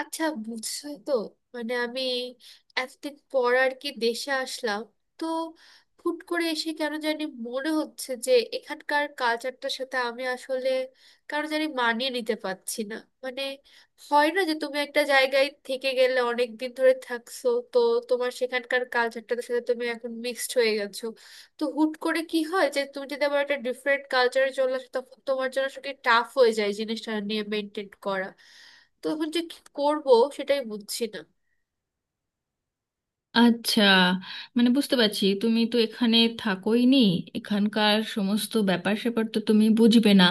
আচ্ছা, বুঝছো তো? মানে আমি এতদিন পর আর কি দেশে আসলাম। তো হুট করে এসে কেন জানি মনে হচ্ছে যে এখানকার কালচারটার সাথে আমি আসলে কেন জানি মানিয়ে নিতে পারছি না। মানে হয় না যে তুমি একটা জায়গায় থেকে গেলে, অনেক দিন ধরে থাকছো তো, তোমার সেখানকার কালচারটার সাথে তুমি এখন মিক্সড হয়ে গেছো। তো হুট করে কি হয় যে তুমি যদি আবার একটা ডিফারেন্ট কালচারে চলে আসো, তখন তোমার জন্য আসলে টাফ হয়ে যায় জিনিসটা নিয়ে মেনটেন করা। তো এখন যে কি করব সেটাই বুঝছি না। আচ্ছা, মানে বুঝতে পারছি, তুমি তো এখানে থাকোই নি। এখানকার সমস্ত ব্যাপার স্যাপার তো তুমি বুঝবে না।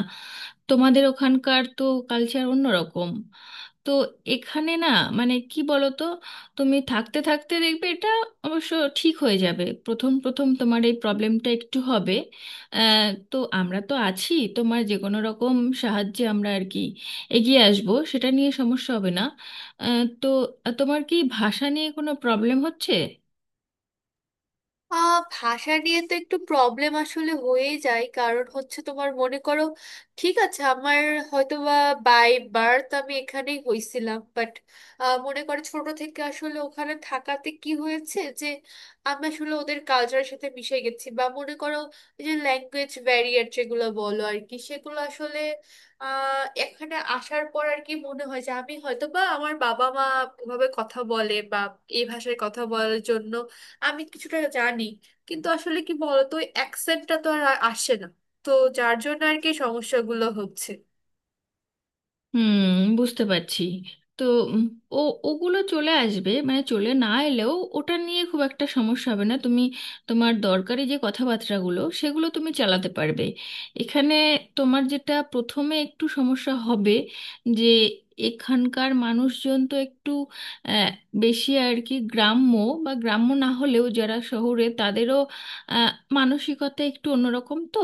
তোমাদের ওখানকার তো কালচার অন্যরকম। তো এখানে না, মানে কি বলো তো, তুমি থাকতে থাকতে দেখবে এটা অবশ্য ঠিক হয়ে যাবে, প্রথম প্রথম তোমার এই প্রবলেমটা একটু হবে। তো আমরা তো আছি, তোমার যে কোনো রকম সাহায্যে আমরা আর কি এগিয়ে আসবো, সেটা নিয়ে সমস্যা হবে না। আহ, তো তোমার কি ভাষা নিয়ে কোনো প্রবলেম হচ্ছে? ভাষা নিয়ে তো একটু প্রবলেম আসলে হয়েই যায়, কারণ হচ্ছে তোমার মনে করো, ঠিক আছে আমার হয়তো বা বাই বার্থ আমি এখানেই হয়েছিলাম, বাট মনে করো ছোট থেকে আসলে ওখানে থাকাতে কি হয়েছে যে আমি আসলে ওদের কালচারের সাথে মিশে গেছি। বা মনে করো এই যে ল্যাঙ্গুয়েজ ব্যারিয়ার যেগুলো বলো আর কি, সেগুলো আসলে এখানে আসার পর আর কি মনে হয় যে আমি হয়তো বা আমার বাবা মা এভাবে কথা বলে, বা এই ভাষায় কথা বলার জন্য আমি কিছুটা জানি, কিন্তু আসলে কি বলতো অ্যাকসেন্টটা তো আর আসে না। তো যার জন্য আর কি সমস্যাগুলো হচ্ছে। হুম, বুঝতে পারছি। তো উম, ও, ওগুলো চলে আসবে, মানে চলে না এলেও ওটা নিয়ে খুব একটা সমস্যা হবে না। তুমি তোমার দরকারি যে কথাবার্তাগুলো সেগুলো তুমি চালাতে পারবে এখানে। তোমার যেটা প্রথমে একটু সমস্যা হবে যে এখানকার মানুষজন তো একটু আহ, বেশি আর কি গ্রাম্য, বা গ্রাম্য না হলেও যারা শহরে তাদেরও আহ, মানসিকতা একটু অন্যরকম। তো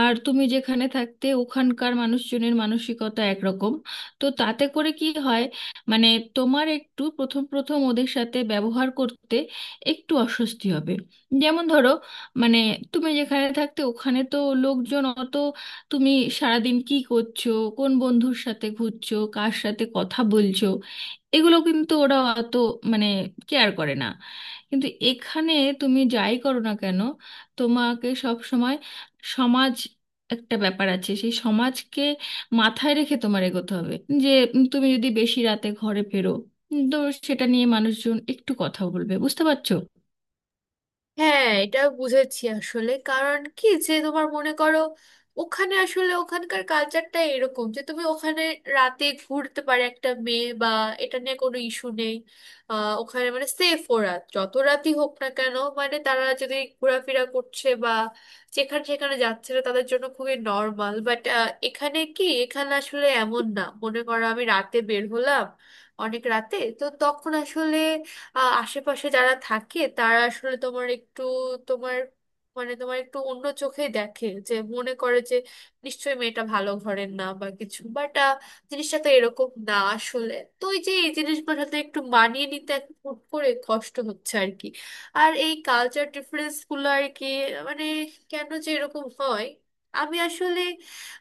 আর তুমি যেখানে থাকতে ওখানকার মানুষজনের মানসিকতা একরকম। তো তাতে করে কি হয়, মানে তোমার একটু প্রথম প্রথম ওদের সাথে ব্যবহার করতে একটু অস্বস্তি হবে। যেমন ধরো, মানে তুমি যেখানে থাকতে ওখানে তো লোকজন অত, তুমি সারাদিন কি করছো, কোন বন্ধুর সাথে ঘুরছো, কার সাথে কথা বলছো, এগুলো কিন্তু ওরা অত, মানে, কেয়ার করে না। কিন্তু এখানে তুমি যাই করো না কেন, তোমাকে সব সমাজ, একটা ব্যাপার আছে সেই সমাজকে মাথায় রেখে তোমার এগোতে হবে। যে তুমি যদি বেশি রাতে ঘরে ফেরো, তো সেটা নিয়ে মানুষজন একটু কথা বলবে, বুঝতে পারছো? হ্যাঁ, এটা বুঝেছি আসলে। কারণ কি, যে তোমার মনে করো ওখানে আসলে ওখানকার কালচারটা এরকম যে তুমি ওখানে রাতে ঘুরতে পারে একটা মেয়ে, বা এটা নিয়ে কোনো ইস্যু নেই। ওখানে মানে সেফ, ওরা যত রাতই হোক না কেন, মানে তারা যদি ঘোরাফেরা করছে বা যেখানে সেখানে যাচ্ছে না, তাদের জন্য খুবই নর্মাল। বাট এখানে কি, এখানে আসলে এমন না। মনে করো আমি রাতে বের হলাম অনেক রাতে, তো তখন আসলে আশেপাশে যারা থাকে তারা আসলে তোমার একটু তোমার মানে তোমার একটু অন্য চোখে দেখে, যে মনে করে যে নিশ্চয়ই মেয়েটা ভালো ঘরের না বা কিছু। বাট জিনিসটা তো এরকম না আসলে। তো ওই যে এই জিনিসগুলোর সাথে একটু মানিয়ে নিতে এখন হুট করে কষ্ট হচ্ছে আর কি, আর এই কালচার ডিফারেন্স গুলো আর কি। মানে কেন যে এরকম হয়। আমি আসলে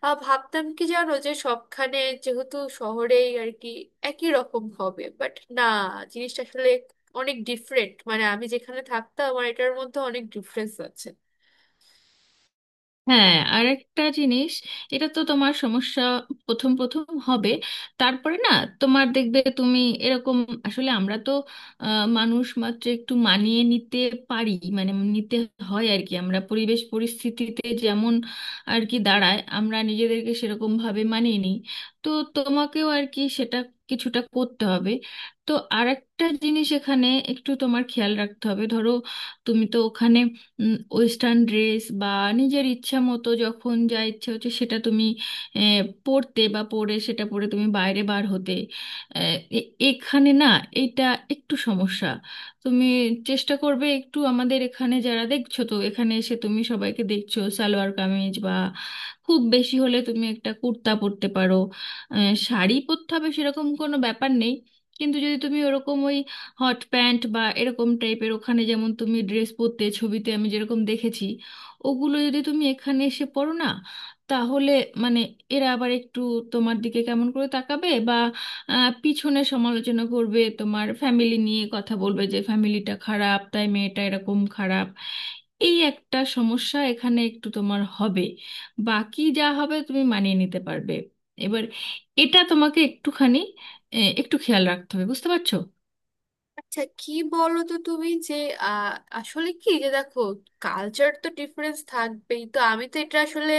ভাবতাম কি জানো যে সবখানে, যেহেতু শহরেই আর কি, একই রকম হবে। বাট না, জিনিসটা আসলে অনেক ডিফারেন্ট। মানে আমি যেখানে থাকতাম আমার এটার মধ্যে অনেক ডিফারেন্স আছে। হ্যাঁ, আর একটা জিনিস, এটা তো তোমার সমস্যা প্রথম প্রথম হবে, তারপরে না তোমার দেখবে তুমি এরকম, আসলে আমরা তো মানুষ মাত্র একটু মানিয়ে নিতে পারি, মানে নিতে হয় আর কি। আমরা পরিবেশ পরিস্থিতিতে যেমন আর কি দাঁড়ায় আমরা নিজেদেরকে সেরকম ভাবে মানিয়ে নিই। তো তোমাকেও আর কি সেটা কিছুটা করতে হবে। তো আর একটা জিনিস এখানে একটু তোমার খেয়াল রাখতে হবে। ধরো তুমি তো ওখানে ওয়েস্টার্ন ড্রেস বা নিজের ইচ্ছা মতো যখন যা ইচ্ছে হচ্ছে সেটা তুমি আহ, পরতে, বা পরে সেটা পরে তুমি বাইরে বার হতে। এখানে না, এটা একটু সমস্যা। তুমি চেষ্টা করবে একটু, আমাদের এখানে যারা, দেখছো তো এখানে এসে তুমি সবাইকে দেখছো সালোয়ার কামিজ বা খুব বেশি হলে তুমি একটা কুর্তা পরতে পারো। শাড়ি পরতে হবে সেরকম কোনো ব্যাপার নেই। কিন্তু যদি তুমি ওরকম ওই হট প্যান্ট বা এরকম টাইপের, ওখানে যেমন তুমি ড্রেস পরতে ছবিতে আমি যেরকম দেখেছি, ওগুলো যদি তুমি এখানে এসে পরো না, তাহলে, মানে, এরা আবার একটু তোমার দিকে কেমন করে তাকাবে বা পিছনে সমালোচনা করবে, তোমার ফ্যামিলি নিয়ে কথা বলবে যে ফ্যামিলিটা খারাপ তাই মেয়েটা এরকম খারাপ। এই একটা সমস্যা এখানে একটু তোমার হবে, বাকি যা হবে তুমি মানিয়ে নিতে পারবে। এবার এটা তোমাকে একটুখানি একটু খেয়াল রাখতে হবে, বুঝতে পারছো? আচ্ছা কি বলো তো তুমি যে, আহ, আসলে কি যে দেখো, কালচার তো ডিফারেন্স থাকবেই, তো আমি তো এটা আসলে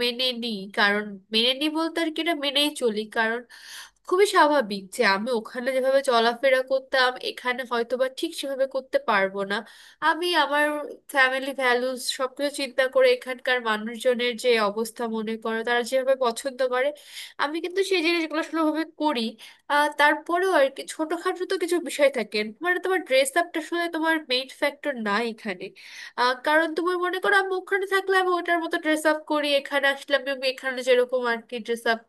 মেনে নিই কারণ, মেনে নিই বলতে আর কি এটা মেনেই চলি, কারণ খুবই স্বাভাবিক যে আমি ওখানে যেভাবে চলাফেরা করতাম এখানে হয়তো বা ঠিক সেভাবে করতে পারবো না। আমি আমার ফ্যামিলি ভ্যালুস সবকিছু চিন্তা করে এখানকার মানুষজনের যে অবস্থা, মনে করো তারা যেভাবে পছন্দ করে, আমি কিন্তু সেই জিনিসগুলো সেভাবে করি। আহ, তারপরেও আর কি ছোটখাটো তো কিছু বিষয় থাকে। মানে তোমার ড্রেস আপটা আসলে তোমার মেইন ফ্যাক্টর না এখানে। আহ, কারণ তুমি মনে করো আমি ওখানে থাকলে আমি ওটার মতো ড্রেস আপ করি, এখানে আসলে আমি আমি এখানে যেরকম আর কি ড্রেস আপ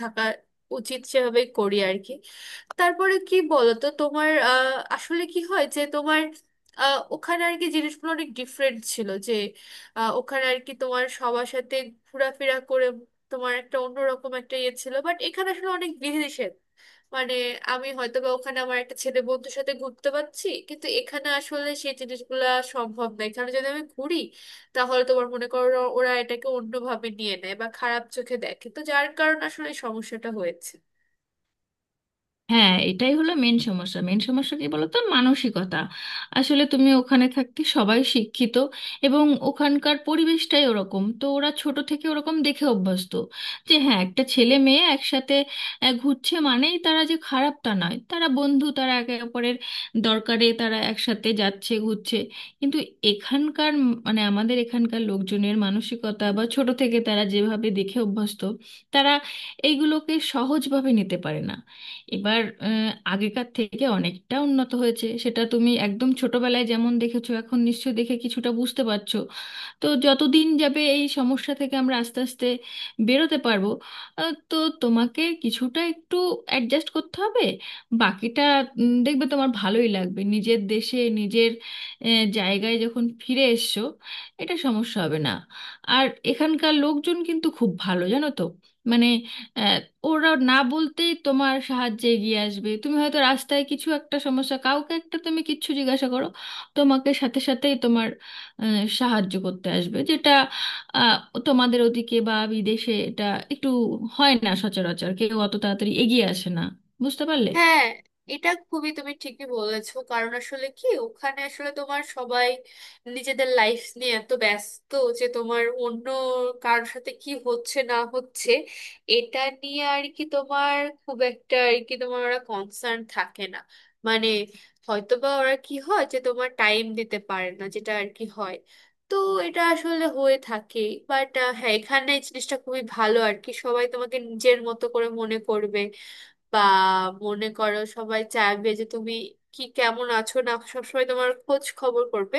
থাকা উচিত সেভাবে করি আর কি। তারপরে কি বলতো তোমার, আসলে কি হয় যে তোমার ওখানে আর কি জিনিসগুলো অনেক ডিফারেন্ট ছিল যে ওখানে আর কি তোমার সবার সাথে ঘোরাফেরা করে তোমার একটা অন্যরকম একটা ইয়ে ছিল। বাট এখানে আসলে অনেক বিধিনিষেধ। মানে আমি হয়তো বা ওখানে আমার একটা ছেলে বন্ধুর সাথে ঘুরতে পারছি, কিন্তু এখানে আসলে সেই জিনিসগুলা সম্ভব না। এখানে যদি আমি ঘুরি, তাহলে তোমার মনে করো ওরা এটাকে অন্যভাবে নিয়ে নেয় বা খারাপ চোখে দেখে, তো যার কারণে আসলে এই সমস্যাটা হয়েছে। হ্যাঁ, এটাই হলো মেন সমস্যা। মেন সমস্যা কি বলতো, মানসিকতা। আসলে তুমি ওখানে থাকতে সবাই শিক্ষিত এবং ওখানকার পরিবেশটাই ওরকম, তো ওরা ছোট থেকে ওরকম দেখে অভ্যস্ত যে হ্যাঁ, একটা ছেলে মেয়ে একসাথে ঘুরছে মানেই তারা যে খারাপ তা নয়, তারা বন্ধু, তারা একে অপরের দরকারে তারা একসাথে যাচ্ছে, ঘুরছে। কিন্তু এখানকার মানে আমাদের এখানকার লোকজনের মানসিকতা বা ছোট থেকে তারা যেভাবে দেখে অভ্যস্ত, তারা এইগুলোকে সহজভাবে নিতে পারে না। এবার আগেকার থেকে অনেকটা উন্নত হয়েছে, সেটা তুমি একদম ছোটবেলায় যেমন দেখেছো এখন নিশ্চয়ই দেখে কিছুটা বুঝতে পারছো। তো যতদিন যাবে এই সমস্যা থেকে আমরা আস্তে আস্তে বেরোতে পারবো। তো তোমাকে কিছুটা একটু অ্যাডজাস্ট করতে হবে। বাকিটা দেখবে তোমার ভালোই লাগবে, নিজের দেশে নিজের জায়গায় যখন ফিরে এসছো, এটা সমস্যা হবে না। আর এখানকার লোকজন কিন্তু খুব ভালো, জানো তো। মানে আহ, ওরা না বলতেই তোমার সাহায্যে এগিয়ে আসবে। তুমি হয়তো রাস্তায় কিছু একটা সমস্যা, কাউকে একটা তুমি কিচ্ছু জিজ্ঞাসা করো, তোমাকে সাথে সাথেই তোমার সাহায্য করতে আসবে। যেটা আহ, তোমাদের ওদিকে বা বিদেশে এটা একটু হয় না, সচরাচর কেউ অত তাড়াতাড়ি এগিয়ে আসে না, বুঝতে পারলে? হ্যাঁ, এটা খুবই, তুমি ঠিকই বলেছো। কারণ আসলে কি, ওখানে আসলে তোমার সবাই নিজেদের লাইফ নিয়ে এত ব্যস্ত যে তোমার অন্য কারোর সাথে কি হচ্ছে না হচ্ছে এটা নিয়ে আর কি তোমার খুব একটা আর কি তোমার ওরা কনসার্ন থাকে না। মানে হয়তোবা ওরা কি হয় যে তোমার টাইম দিতে পারে না, যেটা আর কি হয়। তো এটা আসলে হয়ে থাকে। বাট হ্যাঁ, এখানে এই জিনিসটা খুবই ভালো আর কি, সবাই তোমাকে নিজের মতো করে মনে করবে, বা মনে করো সবাই চাইবে যে তুমি কি কেমন আছো না, সবসময় তোমার খোঁজ খবর করবে।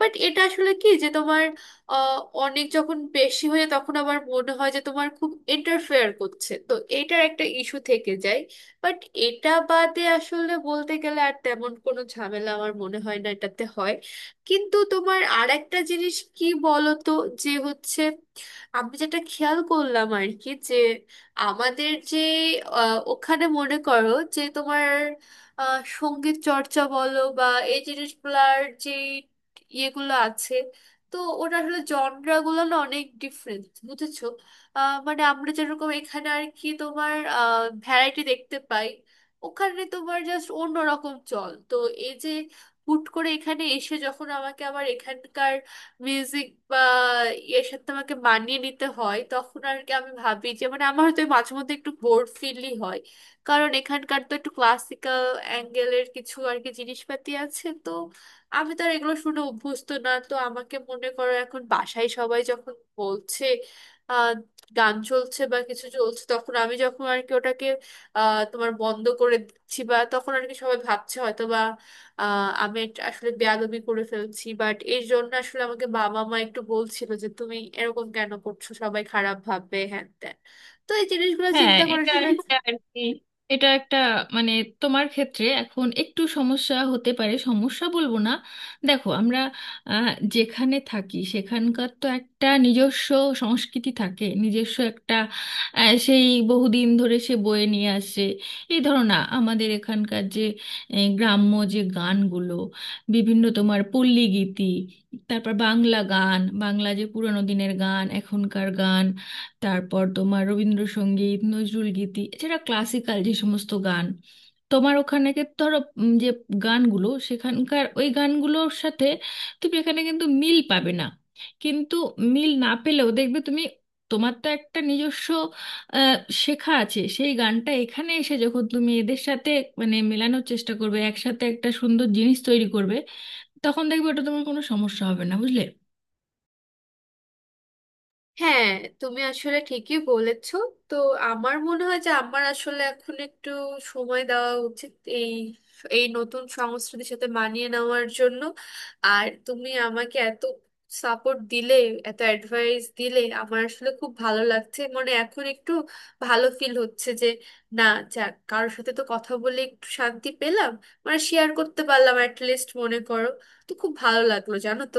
বাট এটা আসলে কি যে তোমার আহ, অনেক যখন বেশি হয়ে, তখন আবার মনে হয় যে তোমার খুব ইন্টারফেয়ার করছে, তো এটার একটা ইস্যু থেকে যায়। বাট এটা বাদে আসলে বলতে গেলে আর তেমন কোনো ঝামেলা আমার মনে হয় না এটাতে হয়। কিন্তু তোমার আর একটা জিনিস কি বলতো যে হচ্ছে, আমি যেটা খেয়াল করলাম আর কি, যে আমাদের যে ওখানে মনে করো যে তোমার সঙ্গীত চর্চা বলো বা এই জিনিসগুলার যে ইয়েগুলো আছে, তো ওটা আসলে জনরাগুলো না অনেক ডিফারেন্ট, বুঝেছো? মানে আমরা যেরকম এখানে আর কি তোমার ভ্যারাইটি দেখতে পাই, ওখানে তোমার জাস্ট অন্যরকম চল, তো এই যে হুট করে এখানে এসে যখন আমাকে আবার এখানকার মিউজিক বা এর সাথে আমাকে মানিয়ে নিতে হয়, তখন আর কি আমি ভাবি যে মানে আমার হয়তো মাঝে মধ্যে একটু বোর ফিলই হয়। কারণ এখানকার তো একটু ক্লাসিক্যাল অ্যাঙ্গেলের কিছু আর কি জিনিসপাতি আছে, তো আমি তো আর এগুলো শুনে অভ্যস্ত না। তো আমাকে মনে করো এখন বাসায় সবাই যখন বলছে, আহ, গান চলছে বা কিছু চলছে, তখন আমি যখন আর কি ওটাকে তোমার বন্ধ করে দিচ্ছি বা, তখন আর কি সবাই ভাবছে হয়তো আমি একটা আসলে বেয়াদবি করে ফেলছি। বাট এর জন্য আসলে আমাকে বাবা মা একটু বলছিল যে তুমি এরকম কেন করছো, সবাই খারাপ ভাববে, হ্যান ত্যান। তো এই জিনিসগুলো হ্যাঁ, চিন্তা করে এটা আসলে একটা আর কি, এটা একটা, মানে, তোমার ক্ষেত্রে এখন একটু সমস্যা হতে পারে, সমস্যা বলবো না। দেখো আমরা যেখানে থাকি সেখানকার তো একটা নিজস্ব সংস্কৃতি থাকে, নিজস্ব একটা সেই বহুদিন ধরে সে বয়ে নিয়ে আসে। এই ধরো না, আমাদের এখানকার যে গ্রাম্য যে গানগুলো, বিভিন্ন তোমার পল্লী গীতি, তারপর বাংলা গান, বাংলা যে পুরোনো দিনের গান, এখনকার গান, তারপর তোমার রবীন্দ্রসঙ্গীত, নজরুল গীতি, এছাড়া ক্লাসিক্যাল যে সমস্ত গান, তোমার ওখানে ধরো যে গানগুলো সেখানকার, ওই গানগুলোর সাথে তুমি এখানে কিন্তু মিল পাবে না। কিন্তু মিল না পেলেও দেখবে তুমি, তোমার তো একটা নিজস্ব আহ, শেখা আছে সেই গানটা, এখানে এসে যখন তুমি এদের সাথে, মানে, মেলানোর চেষ্টা করবে, একসাথে একটা সুন্দর জিনিস তৈরি করবে, তখন দেখবে ওটা তোমার কোনো সমস্যা হবে না, বুঝলে? হ্যাঁ, তুমি আসলে ঠিকই বলেছো। তো আমার মনে হয় যে আমার আসলে এখন একটু সময় দেওয়া উচিত এই, এই নতুন সংস্কৃতির সাথে মানিয়ে নেওয়ার জন্য। আর তুমি আমাকে এত সাপোর্ট দিলে, এত অ্যাডভাইস দিলে, আমার আসলে খুব ভালো লাগছে। মানে এখন একটু ভালো ফিল হচ্ছে যে, না, যাক, কারোর সাথে তো কথা বলে একটু শান্তি পেলাম। মানে শেয়ার করতে পারলাম অ্যাট লিস্ট, মনে করো। তো খুব ভালো লাগলো, জানো তো।